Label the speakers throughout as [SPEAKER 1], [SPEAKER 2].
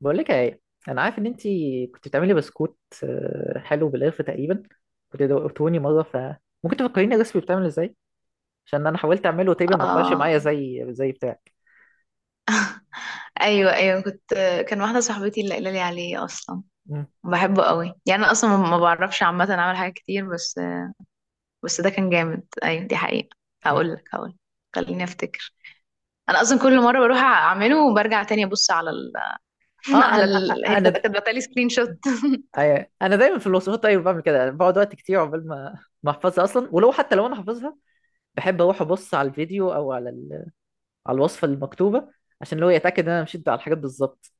[SPEAKER 1] بقول لك ايه. انا عارف ان انت كنت بتعملي بسكوت حلو بالقرفه تقريبا. كنت دوقتوني مره فممكن تفكريني الريسبي بتعمل ازاي، عشان انا حاولت اعمله تقريبا ما طلعش
[SPEAKER 2] اه
[SPEAKER 1] معايا زي بتاعك.
[SPEAKER 2] ايوه ايوه كان واحده صاحبتي اللي قايله لي عليه اصلا.
[SPEAKER 1] مم.
[SPEAKER 2] بحبه قوي، يعني انا اصلا ما بعرفش، عامه اعمل حاجات كتير، بس ده كان جامد، ايوه دي حقيقه.
[SPEAKER 1] أيوة.
[SPEAKER 2] هقول لك. خليني افتكر، انا اصلا كل مره بروح اعمله وبرجع تاني ابص على ال...
[SPEAKER 1] اه
[SPEAKER 2] على
[SPEAKER 1] انا
[SPEAKER 2] ال... هي كانت كاتبه لي سكرين شوت.
[SPEAKER 1] أيوة. انا دايما في الوصفات طيب بعمل كده، يعني بقعد وقت كتير عقبال ما احفظها اصلا، ولو حتى لو انا حافظها بحب اروح ابص على الفيديو او على الوصفه المكتوبه، عشان لو يتاكد ان انا مشيت على الحاجات بالظبط.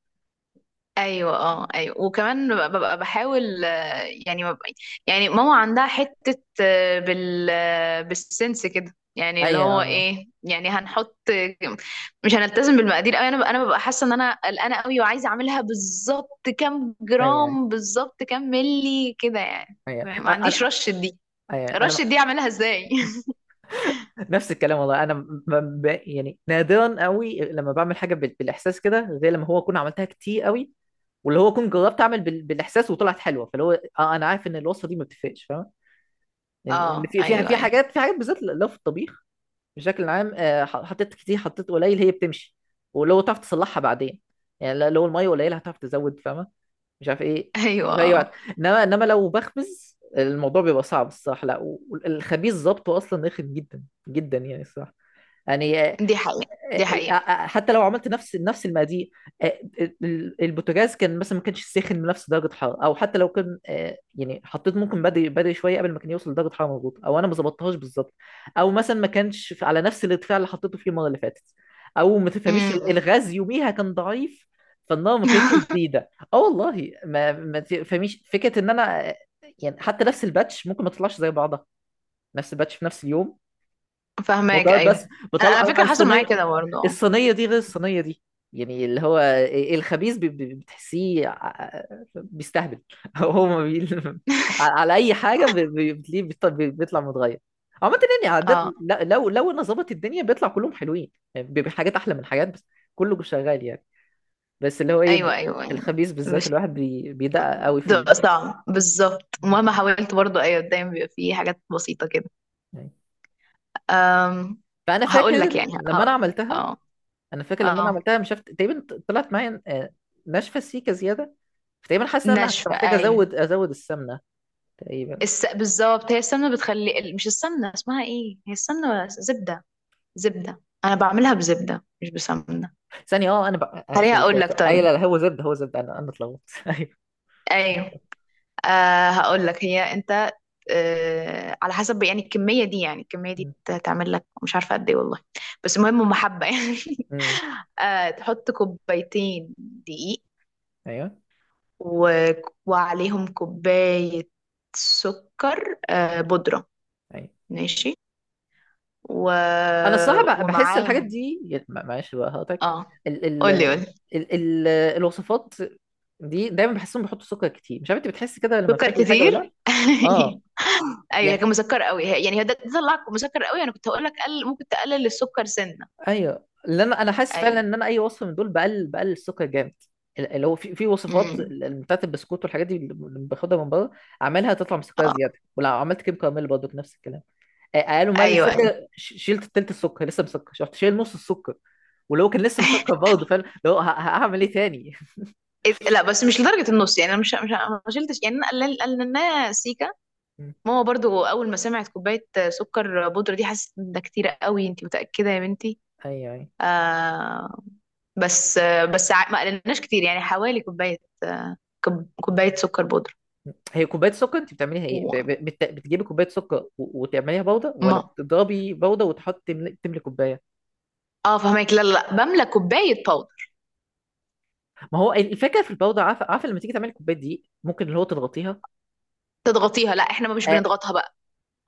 [SPEAKER 2] ايوه، اه، ايوه، وكمان ببقى بحاول، يعني ببقى، يعني ماما عندها حته، بال بالسنس كده، يعني اللي
[SPEAKER 1] ايوه
[SPEAKER 2] هو
[SPEAKER 1] آه.
[SPEAKER 2] ايه، يعني هنحط، مش هنلتزم بالمقادير قوي. انا ببقى حاسه ان انا قلقانه قوي وعايزه اعملها بالظبط كام
[SPEAKER 1] ايوه ايوه
[SPEAKER 2] جرام بالظبط كام ملي كده يعني.
[SPEAKER 1] ايوه
[SPEAKER 2] ما عنديش رش دي،
[SPEAKER 1] أيوة.
[SPEAKER 2] رش
[SPEAKER 1] انا
[SPEAKER 2] دي اعملها ازاي؟
[SPEAKER 1] نفس الكلام والله، انا يعني نادرا قوي لما بعمل حاجه بالاحساس كده، غير لما هو اكون عملتها كتير قوي، واللي هو اكون جربت اعمل بالاحساس وطلعت حلوه، فاللي هو آه، انا عارف ان الوصفه دي ما بتفرقش، فاهم؟ ان إن
[SPEAKER 2] اه،
[SPEAKER 1] في في
[SPEAKER 2] ايوه،
[SPEAKER 1] في
[SPEAKER 2] ايوه،
[SPEAKER 1] حاجات في حاجات بالذات لو في الطبيخ بشكل عام. حطيت كتير حطيت قليل هي بتمشي، ولو تعرف تصلحها بعدين. يعني لو الميه قليله هتعرف تزود، فاهمه؟ مش عارف ايه،
[SPEAKER 2] ايوه،
[SPEAKER 1] في اي
[SPEAKER 2] اه،
[SPEAKER 1] وقت. انما لو بخبز الموضوع بيبقى صعب الصراحه، لا، والخبيز ظبطه اصلا رخم جدا جدا يعني الصراحه، يعني. آه،
[SPEAKER 2] دي حقيقه دي حقيقه.
[SPEAKER 1] حتى لو عملت نفس المقادير، آه، البوتاجاز كان مثلا ما كانش ساخن بنفس درجه حراره، او حتى لو كان يعني حطيت ممكن بدري شويه قبل ما كان يوصل لدرجه حراره مظبوطه، او انا ما ظبطتهاش بالظبط، او مثلا ما كانش على نفس الارتفاع اللي حطيته فيه المره اللي فاتت، او ما تفهميش
[SPEAKER 2] امم
[SPEAKER 1] الغاز يوميها كان ضعيف، فالنار ما كانتش شديده. اه والله، ما تفهميش فكره ان انا يعني حتى نفس الباتش ممكن ما تطلعش زي بعضها، نفس الباتش في نفس اليوم.
[SPEAKER 2] فاهماك،
[SPEAKER 1] مكرونات بس
[SPEAKER 2] ايوه. انا
[SPEAKER 1] بطلع
[SPEAKER 2] على فكره حصل معايا
[SPEAKER 1] الصينيه،
[SPEAKER 2] كده برضه، آه.
[SPEAKER 1] الصينيه دي غير الصينيه دي. يعني اللي هو إيه، إيه، الخبيث بتحسيه بيستهبل هو ما بي... على اي حاجه بتلاقيه بيطلع متغير عامة. يعني عادة
[SPEAKER 2] اه،
[SPEAKER 1] لو انا ظبط الدنيا بيطلع كلهم حلوين، يعني بيبقى حاجات احلى من حاجات، بس كله شغال يعني. بس اللي هو ايه،
[SPEAKER 2] ايوه، ايوه،
[SPEAKER 1] في
[SPEAKER 2] يعني
[SPEAKER 1] الخبيث بالذات
[SPEAKER 2] مش
[SPEAKER 1] الواحد بي... بيدقق قوي في
[SPEAKER 2] بتبقى
[SPEAKER 1] ال...
[SPEAKER 2] صعب بالظبط مهما حاولت برضه، ايوه دايما بيبقى فيه حاجات بسيطة كده.
[SPEAKER 1] يعني.
[SPEAKER 2] أم...
[SPEAKER 1] فانا
[SPEAKER 2] هقول
[SPEAKER 1] فاكر
[SPEAKER 2] لك يعني
[SPEAKER 1] لما
[SPEAKER 2] هقول
[SPEAKER 1] انا عملتها،
[SPEAKER 2] اه،
[SPEAKER 1] انا فاكر لما انا
[SPEAKER 2] اه،
[SPEAKER 1] عملتها، مش عارف تقريبا طلعت معايا ناشفه سيكه زياده، فتقريبا حاسس ان انا كنت
[SPEAKER 2] ناشفة
[SPEAKER 1] محتاج
[SPEAKER 2] ايوه.
[SPEAKER 1] ازود السمنه تقريبا.
[SPEAKER 2] بالظبط هي السمنة بتخلي ال- مش السمنة اسمها ايه، هي السمنة زبدة، زبدة، انا بعملها بزبدة مش بسمنة.
[SPEAKER 1] ثانيه، اه انا بقى آه آه،
[SPEAKER 2] خليها
[SPEAKER 1] سوري
[SPEAKER 2] اقول
[SPEAKER 1] سوري
[SPEAKER 2] لك
[SPEAKER 1] سوري. ايوه،
[SPEAKER 2] طيب.
[SPEAKER 1] لا لا، هو زبده هو زبده، انا اتلخبطت ايوه.
[SPEAKER 2] ايوه. هقول لك، هي انت، على حسب يعني. الكمية دي، يعني الكمية دي،
[SPEAKER 1] م-
[SPEAKER 2] تعمل لك مش عارفة قد ايه والله، بس المهم هم حبة يعني.
[SPEAKER 1] م-
[SPEAKER 2] تحط كوبايتين دقيق،
[SPEAKER 1] ايوه
[SPEAKER 2] و... وعليهم كوباية سكر
[SPEAKER 1] م-
[SPEAKER 2] بودرة،
[SPEAKER 1] ايوه،
[SPEAKER 2] ماشي، و...
[SPEAKER 1] انا الصراحه بقى بحس الحاجات
[SPEAKER 2] ومعاهم،
[SPEAKER 1] دي. ما- معلش بقى هقطعك،
[SPEAKER 2] اه.
[SPEAKER 1] ال ال
[SPEAKER 2] قولي قولي.
[SPEAKER 1] ال ال الوصفات دي دايما بحسهم بيحطوا سكر كتير، مش عارف انت بتحس كده لما
[SPEAKER 2] سكر
[SPEAKER 1] بتاكل حاجه ولا لا؟
[SPEAKER 2] كتير؟
[SPEAKER 1] اه
[SPEAKER 2] ايوه، هي كان
[SPEAKER 1] يعني
[SPEAKER 2] مسكر قوي، يعني هي ده طلع مسكر قوي. انا كنت هقول لك قل، ممكن تقلل السكر سنة
[SPEAKER 1] ايوه، اللي انا حاسس فعلا
[SPEAKER 2] ايوه،
[SPEAKER 1] ان انا اي وصف من دول بقلل الثقه جامد، اللي هو في في وصفات
[SPEAKER 2] امم،
[SPEAKER 1] بتاعت البسكوت والحاجات دي اللي باخدها من بره، اعملها تطلع مسكره زياده. ولو عملت كيم كراميل برضه نفس الكلام. قالوا مال
[SPEAKER 2] ايوه، ايوه.
[SPEAKER 1] السكر، شيلت التلت السكر لسه مسكر، شفت؟ شايل نص السكر ولو كان لسه مسكر برضه فعلا، لو هعمل ايه تاني؟
[SPEAKER 2] لا، بس مش لدرجه النص يعني، انا مش ما شلتش، يعني انا قللناها سيكا.
[SPEAKER 1] مم.
[SPEAKER 2] ماما برضو اول ما سمعت كوبايه سكر بودره دي حست ان ده كتير قوي، انت متاكده يا بنتي؟
[SPEAKER 1] ايوه ايوه.
[SPEAKER 2] آه. بس ما قللناش كتير، يعني حوالي كوبايه، آه كوبايه سكر بودره.
[SPEAKER 1] هي كوبايه سكر انت بتعمليها ايه؟
[SPEAKER 2] وما
[SPEAKER 1] بتجيبي كوبايه سكر و- وتعمليها بودره، ولا بتضربي بودره وتحطي تملي كوبايه؟
[SPEAKER 2] اه فهمك، لا، لا، لا، بملى كوبايه باودر.
[SPEAKER 1] ما هو الفكره في البودره، عارفه عارفه لما تيجي تعملي الكوبايات دي ممكن اللي هو تضغطيها.
[SPEAKER 2] تضغطيها؟ لا احنا مش
[SPEAKER 1] اه
[SPEAKER 2] بنضغطها بقى،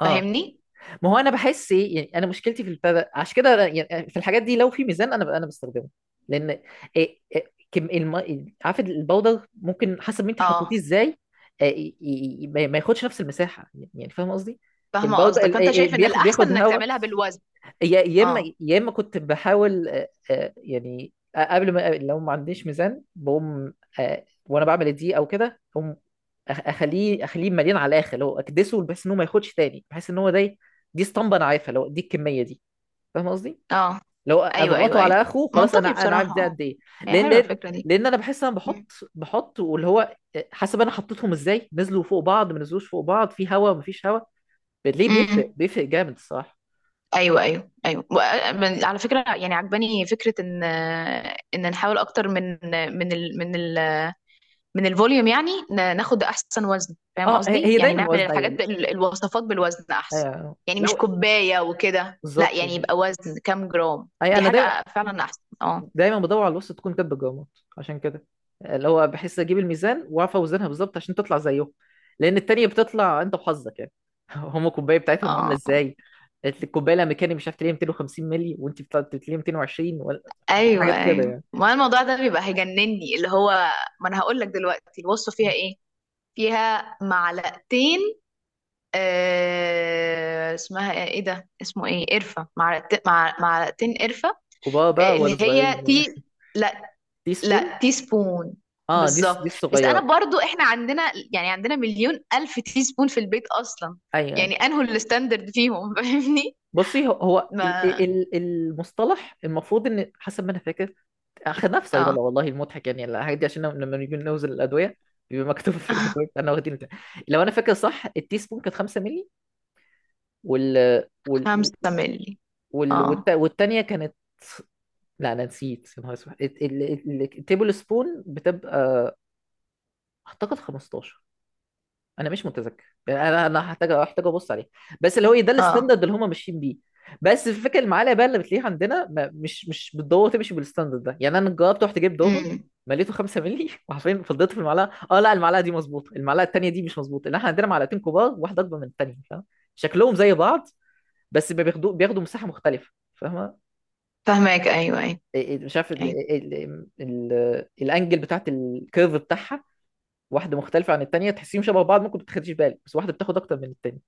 [SPEAKER 1] اه.
[SPEAKER 2] فاهمني.
[SPEAKER 1] ما هو انا بحس ايه، يعني انا مشكلتي في البتاع، عشان كده يعني في الحاجات دي لو في ميزان انا بستخدمه، لان إيه كم الم... عارفه، البودر ممكن حسب ما انت حطيتيه
[SPEAKER 2] اه.
[SPEAKER 1] ازاي ما ياخدش نفس المساحه، يعني يعني فاهم قصدي؟
[SPEAKER 2] فاهمه
[SPEAKER 1] البودر
[SPEAKER 2] قصدك، فانت شايف
[SPEAKER 1] إيه،
[SPEAKER 2] ان
[SPEAKER 1] بياخد
[SPEAKER 2] الاحسن
[SPEAKER 1] بياخد
[SPEAKER 2] انك
[SPEAKER 1] هواء.
[SPEAKER 2] تعملها بالوزن.
[SPEAKER 1] يا يا اما
[SPEAKER 2] اه،
[SPEAKER 1] يا اما كنت بحاول قبل ما لو ما عنديش ميزان بقوم وانا بعمل دي او كده، اقوم اخليه اخليه مليان على الاخر، اللي هو اكدسه بحيث ان هو ما ياخدش تاني، بحيث ان هو ده دي اسطمبه انا عارفها اللي هو دي الكميه دي، فاهم قصدي؟
[SPEAKER 2] اه،
[SPEAKER 1] لو
[SPEAKER 2] ايوه، ايوه،
[SPEAKER 1] اضغطه
[SPEAKER 2] ايوه،
[SPEAKER 1] على اخره خلاص انا
[SPEAKER 2] منطقي
[SPEAKER 1] انا عارف
[SPEAKER 2] بصراحه،
[SPEAKER 1] ده
[SPEAKER 2] اه.
[SPEAKER 1] قد ايه.
[SPEAKER 2] هي
[SPEAKER 1] لان
[SPEAKER 2] حلوه
[SPEAKER 1] لان
[SPEAKER 2] الفكره دي.
[SPEAKER 1] لان انا بحس انا
[SPEAKER 2] مم.
[SPEAKER 1] بحط واللي هو حسب انا حطيتهم ازاي نزلوا فوق بعض، ما نزلوش فوق بعض، في هوا، ما فيش هوا، بتلاقيه بيفرق
[SPEAKER 2] مم.
[SPEAKER 1] بيفرق جامد الصراحه.
[SPEAKER 2] ايوه، ايوه، ايوه، على فكره يعني، عجباني فكره ان، ان نحاول اكتر من ال من ال من الفوليوم، يعني ناخد احسن وزن، فاهم
[SPEAKER 1] اه هي
[SPEAKER 2] قصدي،
[SPEAKER 1] هي
[SPEAKER 2] يعني
[SPEAKER 1] دايما
[SPEAKER 2] نعمل الحاجات
[SPEAKER 1] وزن.
[SPEAKER 2] الوصفات بالوزن احسن،
[SPEAKER 1] ايوه،
[SPEAKER 2] يعني مش
[SPEAKER 1] لو
[SPEAKER 2] كوبايه وكده لا،
[SPEAKER 1] بالظبط.
[SPEAKER 2] يعني يبقى وزن كام جرام،
[SPEAKER 1] اي
[SPEAKER 2] دي
[SPEAKER 1] انا دايما
[SPEAKER 2] حاجه فعلا احسن، اه.
[SPEAKER 1] دايما بدور على الوسط تكون كاتبه الجرامات، عشان كده اللي هو بحس اجيب الميزان واعرف اوزنها بالظبط عشان تطلع زيهم، لان التانية بتطلع انت وحظك يعني. هم الكوبايه بتاعتهم عامله
[SPEAKER 2] اه،
[SPEAKER 1] ازاي؟ قالت لي الكوبايه الامريكاني مش عارف تلاقيها 250 مللي وانت بتطلع تلاقيها 220 ولا.
[SPEAKER 2] ايوه،
[SPEAKER 1] حاجات كده
[SPEAKER 2] ايوه.
[SPEAKER 1] يعني.
[SPEAKER 2] ما الموضوع ده بيبقى هيجنني اللي هو. ما انا هقول لك دلوقتي الوصفه فيها ايه. فيها معلقتين، آه اسمها ايه إيه ده اسمه ايه قرفة. معلقتين قرفة.
[SPEAKER 1] كبار بقى ولا
[SPEAKER 2] اللي هي
[SPEAKER 1] صغيرين ولا؟
[SPEAKER 2] لا،
[SPEAKER 1] تي سبون.
[SPEAKER 2] لا، تي سبون.
[SPEAKER 1] اه دي دي
[SPEAKER 2] بالظبط. بس انا
[SPEAKER 1] الصغيره.
[SPEAKER 2] برضو احنا عندنا، يعني عندنا مليون الف تي سبون في البيت اصلا،
[SPEAKER 1] ايوه
[SPEAKER 2] يعني
[SPEAKER 1] أيوة.
[SPEAKER 2] انهوا الستاندرد فيهم؟ فاهمني.
[SPEAKER 1] بصي هو هو
[SPEAKER 2] ما
[SPEAKER 1] المصطلح، المفروض ان حسب ما انا فاكر اخدناه في صيدله،
[SPEAKER 2] اه
[SPEAKER 1] والله المضحك يعني الحاجات دي، عشان لما نيجي نوزن الادويه بيبقى مكتوب في الادويه انا واخدين بتاع. لو انا فاكر صح، التي سبون كانت 5 مللي، وال وال
[SPEAKER 2] خمسة ملي. اه،
[SPEAKER 1] والتانيه كانت، لا انا نسيت. يا نهار اسود، التيبل سبون بتبقى اعتقد 15، انا مش متذكر يعني، انا هحتاج ابص عليه. بس اللي هو إيه، ده
[SPEAKER 2] اه،
[SPEAKER 1] الستاندرد اللي هم ماشيين بيه. بس الفكره المعاليه بقى اللي بتلاقيها عندنا ما مش مش بالضبط تمشي بالستاندرد ده، يعني انا جربت رحت جبت دوبه
[SPEAKER 2] امم.
[SPEAKER 1] مليته 5 مللي وعارفين فضيته في المعلقه، اه لا المعلقه دي مظبوطه، المعلقه التانيه دي مش مظبوطه، لان احنا عندنا معلقتين كبار واحده اكبر من التانيه، فاهم؟ شكلهم زي بعض بس بياخدوا مساحه مختلفه، فاهمه؟
[SPEAKER 2] فاهمك، ايوه، ايوه،
[SPEAKER 1] إيه- إيه، مش عارف
[SPEAKER 2] أيوة.
[SPEAKER 1] الانجل بتاعت الكيرف بتاعها، واحده مختلفه عن التانيه، تحسيهم شبه بعض ممكن ما تاخديش بالك، بس واحده بتاخد اكتر من التانيه.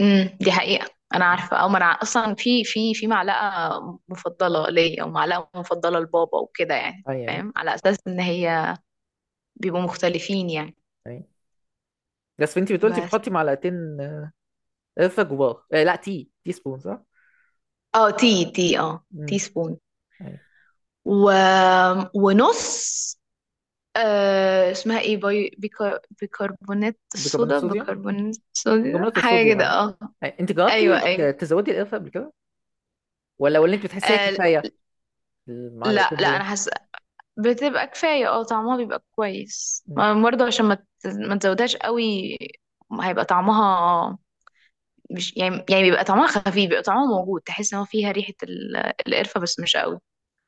[SPEAKER 2] امم، دي حقيقة انا عارفة، او ما انا اصلا في معلقة مفضلة ليا ومعلقة مفضلة لبابا وكده يعني،
[SPEAKER 1] اي اي
[SPEAKER 2] فاهم، على اساس ان هي بيبقوا مختلفين يعني.
[SPEAKER 1] اي، بس انت بتقولتي
[SPEAKER 2] بس
[SPEAKER 1] بتحطي معلقتين قرفه جواه. آه لا، تي سبون صح؟
[SPEAKER 2] اه، تي
[SPEAKER 1] امم.
[SPEAKER 2] سبون.
[SPEAKER 1] اي،
[SPEAKER 2] و... ونص. آه اسمها ايه، بيكربونات
[SPEAKER 1] بيكربونات
[SPEAKER 2] الصودا
[SPEAKER 1] الصوديوم،
[SPEAKER 2] بيكربونات الصودا
[SPEAKER 1] بيكربونات
[SPEAKER 2] حاجة
[SPEAKER 1] الصوديوم
[SPEAKER 2] كده
[SPEAKER 1] اي.
[SPEAKER 2] اه.
[SPEAKER 1] أي. انت
[SPEAKER 2] ايوه،
[SPEAKER 1] جربتي
[SPEAKER 2] ايوه،
[SPEAKER 1] تزودي القرفه قبل كده؟ ولا انت بتحسيها
[SPEAKER 2] آه،
[SPEAKER 1] كفايه
[SPEAKER 2] لا،
[SPEAKER 1] المعلقتين
[SPEAKER 2] لا،
[SPEAKER 1] دول؟
[SPEAKER 2] انا بتبقى كفاية، اه، طعمها بيبقى كويس،
[SPEAKER 1] مم.
[SPEAKER 2] برضه عشان ما ما تزودهاش قوي، هيبقى طعمها، مش يعني، بيبقى طعمها خفيف، بيبقى طعمها موجود، تحس ان هو فيها ريحة القرفة بس مش قوي،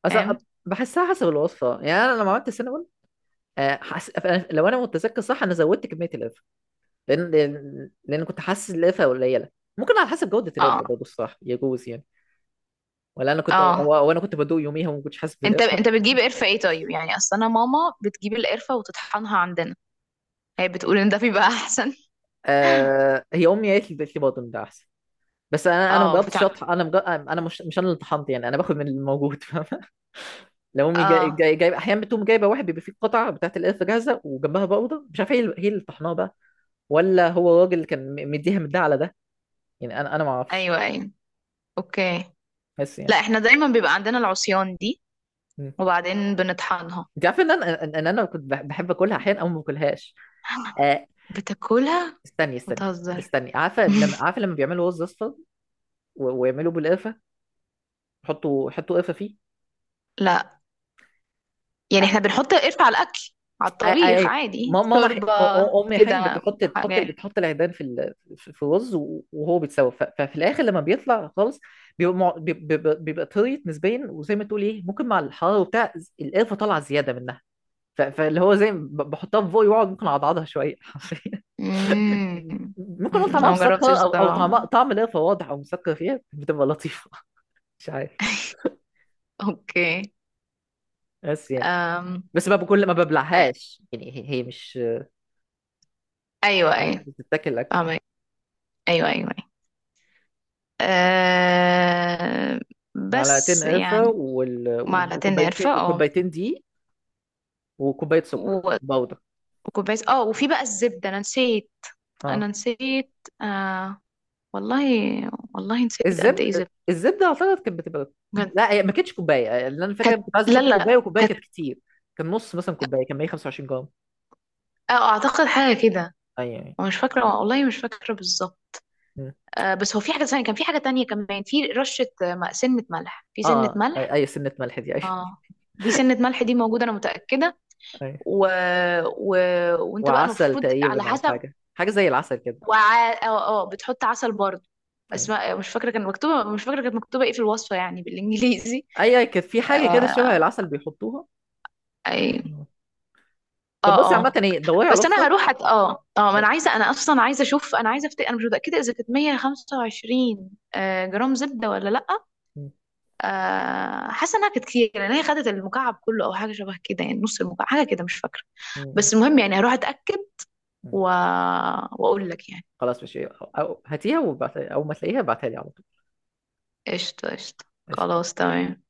[SPEAKER 1] اصل
[SPEAKER 2] فاهم.
[SPEAKER 1] بحسها حسب الوصفه، يعني انا لما عملت السينابون لو انا متذكر صح، انا زودت كميه القرفه، لان لان لأن كنت حاسس القرفه قليله. ممكن على حسب جوده القرفه
[SPEAKER 2] اه،
[SPEAKER 1] برضه الصح، يجوز يعني، ولا انا كنت
[SPEAKER 2] اه،
[SPEAKER 1] او أو انا كنت بدوق يوميها وما كنتش حاسس
[SPEAKER 2] انت
[SPEAKER 1] بالقرفه.
[SPEAKER 2] انت بتجيب قرفة ايه طيب يعني؟ اصل انا ماما بتجيب القرفة وتطحنها عندنا، هي بتقول ان ده بيبقى احسن.
[SPEAKER 1] آه هي امي قالت لي بطن ده احسن، بس انا ما
[SPEAKER 2] اه،
[SPEAKER 1] جربتش
[SPEAKER 2] بتاع.
[SPEAKER 1] اطحن، انا مجرب، انا مش مش انا اللي طحنت، يعني انا باخد من الموجود فاهم؟ لو امي
[SPEAKER 2] اه،
[SPEAKER 1] جايب احيانا بتقوم جايبه واحد بيبقى فيه قطعه بتاعت القرفه جاهزه وجنبها بودره، مش عارف هي اللي طحناها بقى، ولا هو الراجل اللي كان مديها من ده على ده، يعني انا ما اعرفش،
[SPEAKER 2] ايوه، ايوه، اوكي.
[SPEAKER 1] بس
[SPEAKER 2] لا
[SPEAKER 1] يعني.
[SPEAKER 2] احنا دايما بيبقى عندنا العصيان دي،
[SPEAKER 1] مم.
[SPEAKER 2] وبعدين بنطحنها.
[SPEAKER 1] انت عارف ان انا ان إن انا كنت بحب اكلها احيانا او ما باكلهاش. آه
[SPEAKER 2] بتاكلها؟
[SPEAKER 1] استني استني،
[SPEAKER 2] بتهزر.
[SPEAKER 1] استني عارفه لما، عارفه لما بيعملوا رز اصفر و- ويعملوا بالقرفه، يحطوا قرفه فيه؟
[SPEAKER 2] لا، يعني احنا بنحط القرفة على الأكل، على
[SPEAKER 1] اي
[SPEAKER 2] الطبيخ
[SPEAKER 1] اي.
[SPEAKER 2] عادي، شوربة،
[SPEAKER 1] امي حين
[SPEAKER 2] كده
[SPEAKER 1] بتحط
[SPEAKER 2] حاجات.
[SPEAKER 1] بتحط العيدان في في في الرز و- وهو بيتسوى، ففي الاخر لما بيطلع خالص بيبقى بيبقى طريت نسبيا، وزي ما تقول ايه ممكن مع الحراره وبتاع، القرفه طالعه زياده منها، فاللي هو زي ما بحطها في بوقي واقعد ممكن اعضعضها شويه حرفيا
[SPEAKER 2] امم
[SPEAKER 1] ممكن اقول
[SPEAKER 2] أمم،
[SPEAKER 1] طعمها
[SPEAKER 2] أنا
[SPEAKER 1] مسكر،
[SPEAKER 2] مجربتش
[SPEAKER 1] او او
[SPEAKER 2] الصراحة.
[SPEAKER 1] طعم طعم القرفه واضح او مسكر فيها بتبقى لطيفه. مش عارف،
[SPEAKER 2] اوكي.
[SPEAKER 1] بس يعني.
[SPEAKER 2] أم.
[SPEAKER 1] بس ما بكل، ما
[SPEAKER 2] أي-
[SPEAKER 1] ببلعهاش يعني، هي هي مش
[SPEAKER 2] ايوه،
[SPEAKER 1] مش
[SPEAKER 2] ايوه.
[SPEAKER 1] بتتاكل اكل.
[SPEAKER 2] فاهمك، ايوه، ايوه، ايوه. أه...
[SPEAKER 1] معلقتين
[SPEAKER 2] بس
[SPEAKER 1] قرفة
[SPEAKER 2] يعني، معلقتين
[SPEAKER 1] وكوبايتين
[SPEAKER 2] قرفة، اه،
[SPEAKER 1] دقيق، وكوباية سكر
[SPEAKER 2] و-
[SPEAKER 1] باودر،
[SPEAKER 2] وكوباية، اه، وفي بقى الزبدة، انا نسيت،
[SPEAKER 1] اه.
[SPEAKER 2] انا نسيت، آه، والله، والله نسيت قد ايه
[SPEAKER 1] الزبد،
[SPEAKER 2] زبدة،
[SPEAKER 1] الزبدة اعتقد كانت بتبقى،
[SPEAKER 2] بجد.
[SPEAKER 1] لا هي ما كانتش كوباية، اللي انا
[SPEAKER 2] كانت،
[SPEAKER 1] فاكر كنت عايز
[SPEAKER 2] لا،
[SPEAKER 1] احط كوباية
[SPEAKER 2] لا،
[SPEAKER 1] وكوباية كانت كتير، كان نص مثلا كوباية كان 125 جرام.
[SPEAKER 2] اه، اعتقد حاجه كده.
[SPEAKER 1] ايوه ايوه.
[SPEAKER 2] هو مش فاكره والله، مش فاكره بالظبط.
[SPEAKER 1] مم.
[SPEAKER 2] بس هو في حاجه ثانيه، كان في حاجه تانية كمان، في رشه، سنه ملح، في سنه
[SPEAKER 1] اه اي
[SPEAKER 2] ملح
[SPEAKER 1] اي، سنة ملح دي ايوه.
[SPEAKER 2] اه، دي سنه ملح دي موجوده انا متاكده.
[SPEAKER 1] ايوه.
[SPEAKER 2] و... و... وانت بقى
[SPEAKER 1] وعسل
[SPEAKER 2] المفروض على
[SPEAKER 1] تقريبا، او
[SPEAKER 2] حسب.
[SPEAKER 1] حاجة زي العسل كده.
[SPEAKER 2] وع... اه اه، بتحط عسل برضه.
[SPEAKER 1] ايوه
[SPEAKER 2] اسماء مش فاكره كان مكتوبه، مش فاكره كانت مكتوبه ايه في الوصفه يعني بالانجليزي.
[SPEAKER 1] ايوه كانت في حاجة كده
[SPEAKER 2] آه.
[SPEAKER 1] شبه العسل بيحطوها.
[SPEAKER 2] آه،
[SPEAKER 1] مم. طب بصي
[SPEAKER 2] اه،
[SPEAKER 1] عامة
[SPEAKER 2] اه،
[SPEAKER 1] ايه، دوري على
[SPEAKER 2] بس انا
[SPEAKER 1] الوصفة.
[SPEAKER 2] هروح أت... اه اه، ما انا عايزه، انا اصلا عايزه اشوف، انا عايزه انا مش متاكده اذا كانت 125 جرام زبده ولا لا.
[SPEAKER 1] مم.
[SPEAKER 2] حاسه انها كانت كتير، لان هي خدت المكعب كله او حاجه شبه كده، يعني نص المكعب حاجه كده مش فاكره،
[SPEAKER 1] مم.
[SPEAKER 2] بس المهم يعني هروح اتاكد
[SPEAKER 1] مم.
[SPEAKER 2] و... واقول لك يعني.
[SPEAKER 1] خلاص ماشي، أو هاتيها وبعت... أول ما تلاقيها ابعتها لي على طول.
[SPEAKER 2] قشطه، قشطه،
[SPEAKER 1] قشطة.
[SPEAKER 2] خلاص، تمام.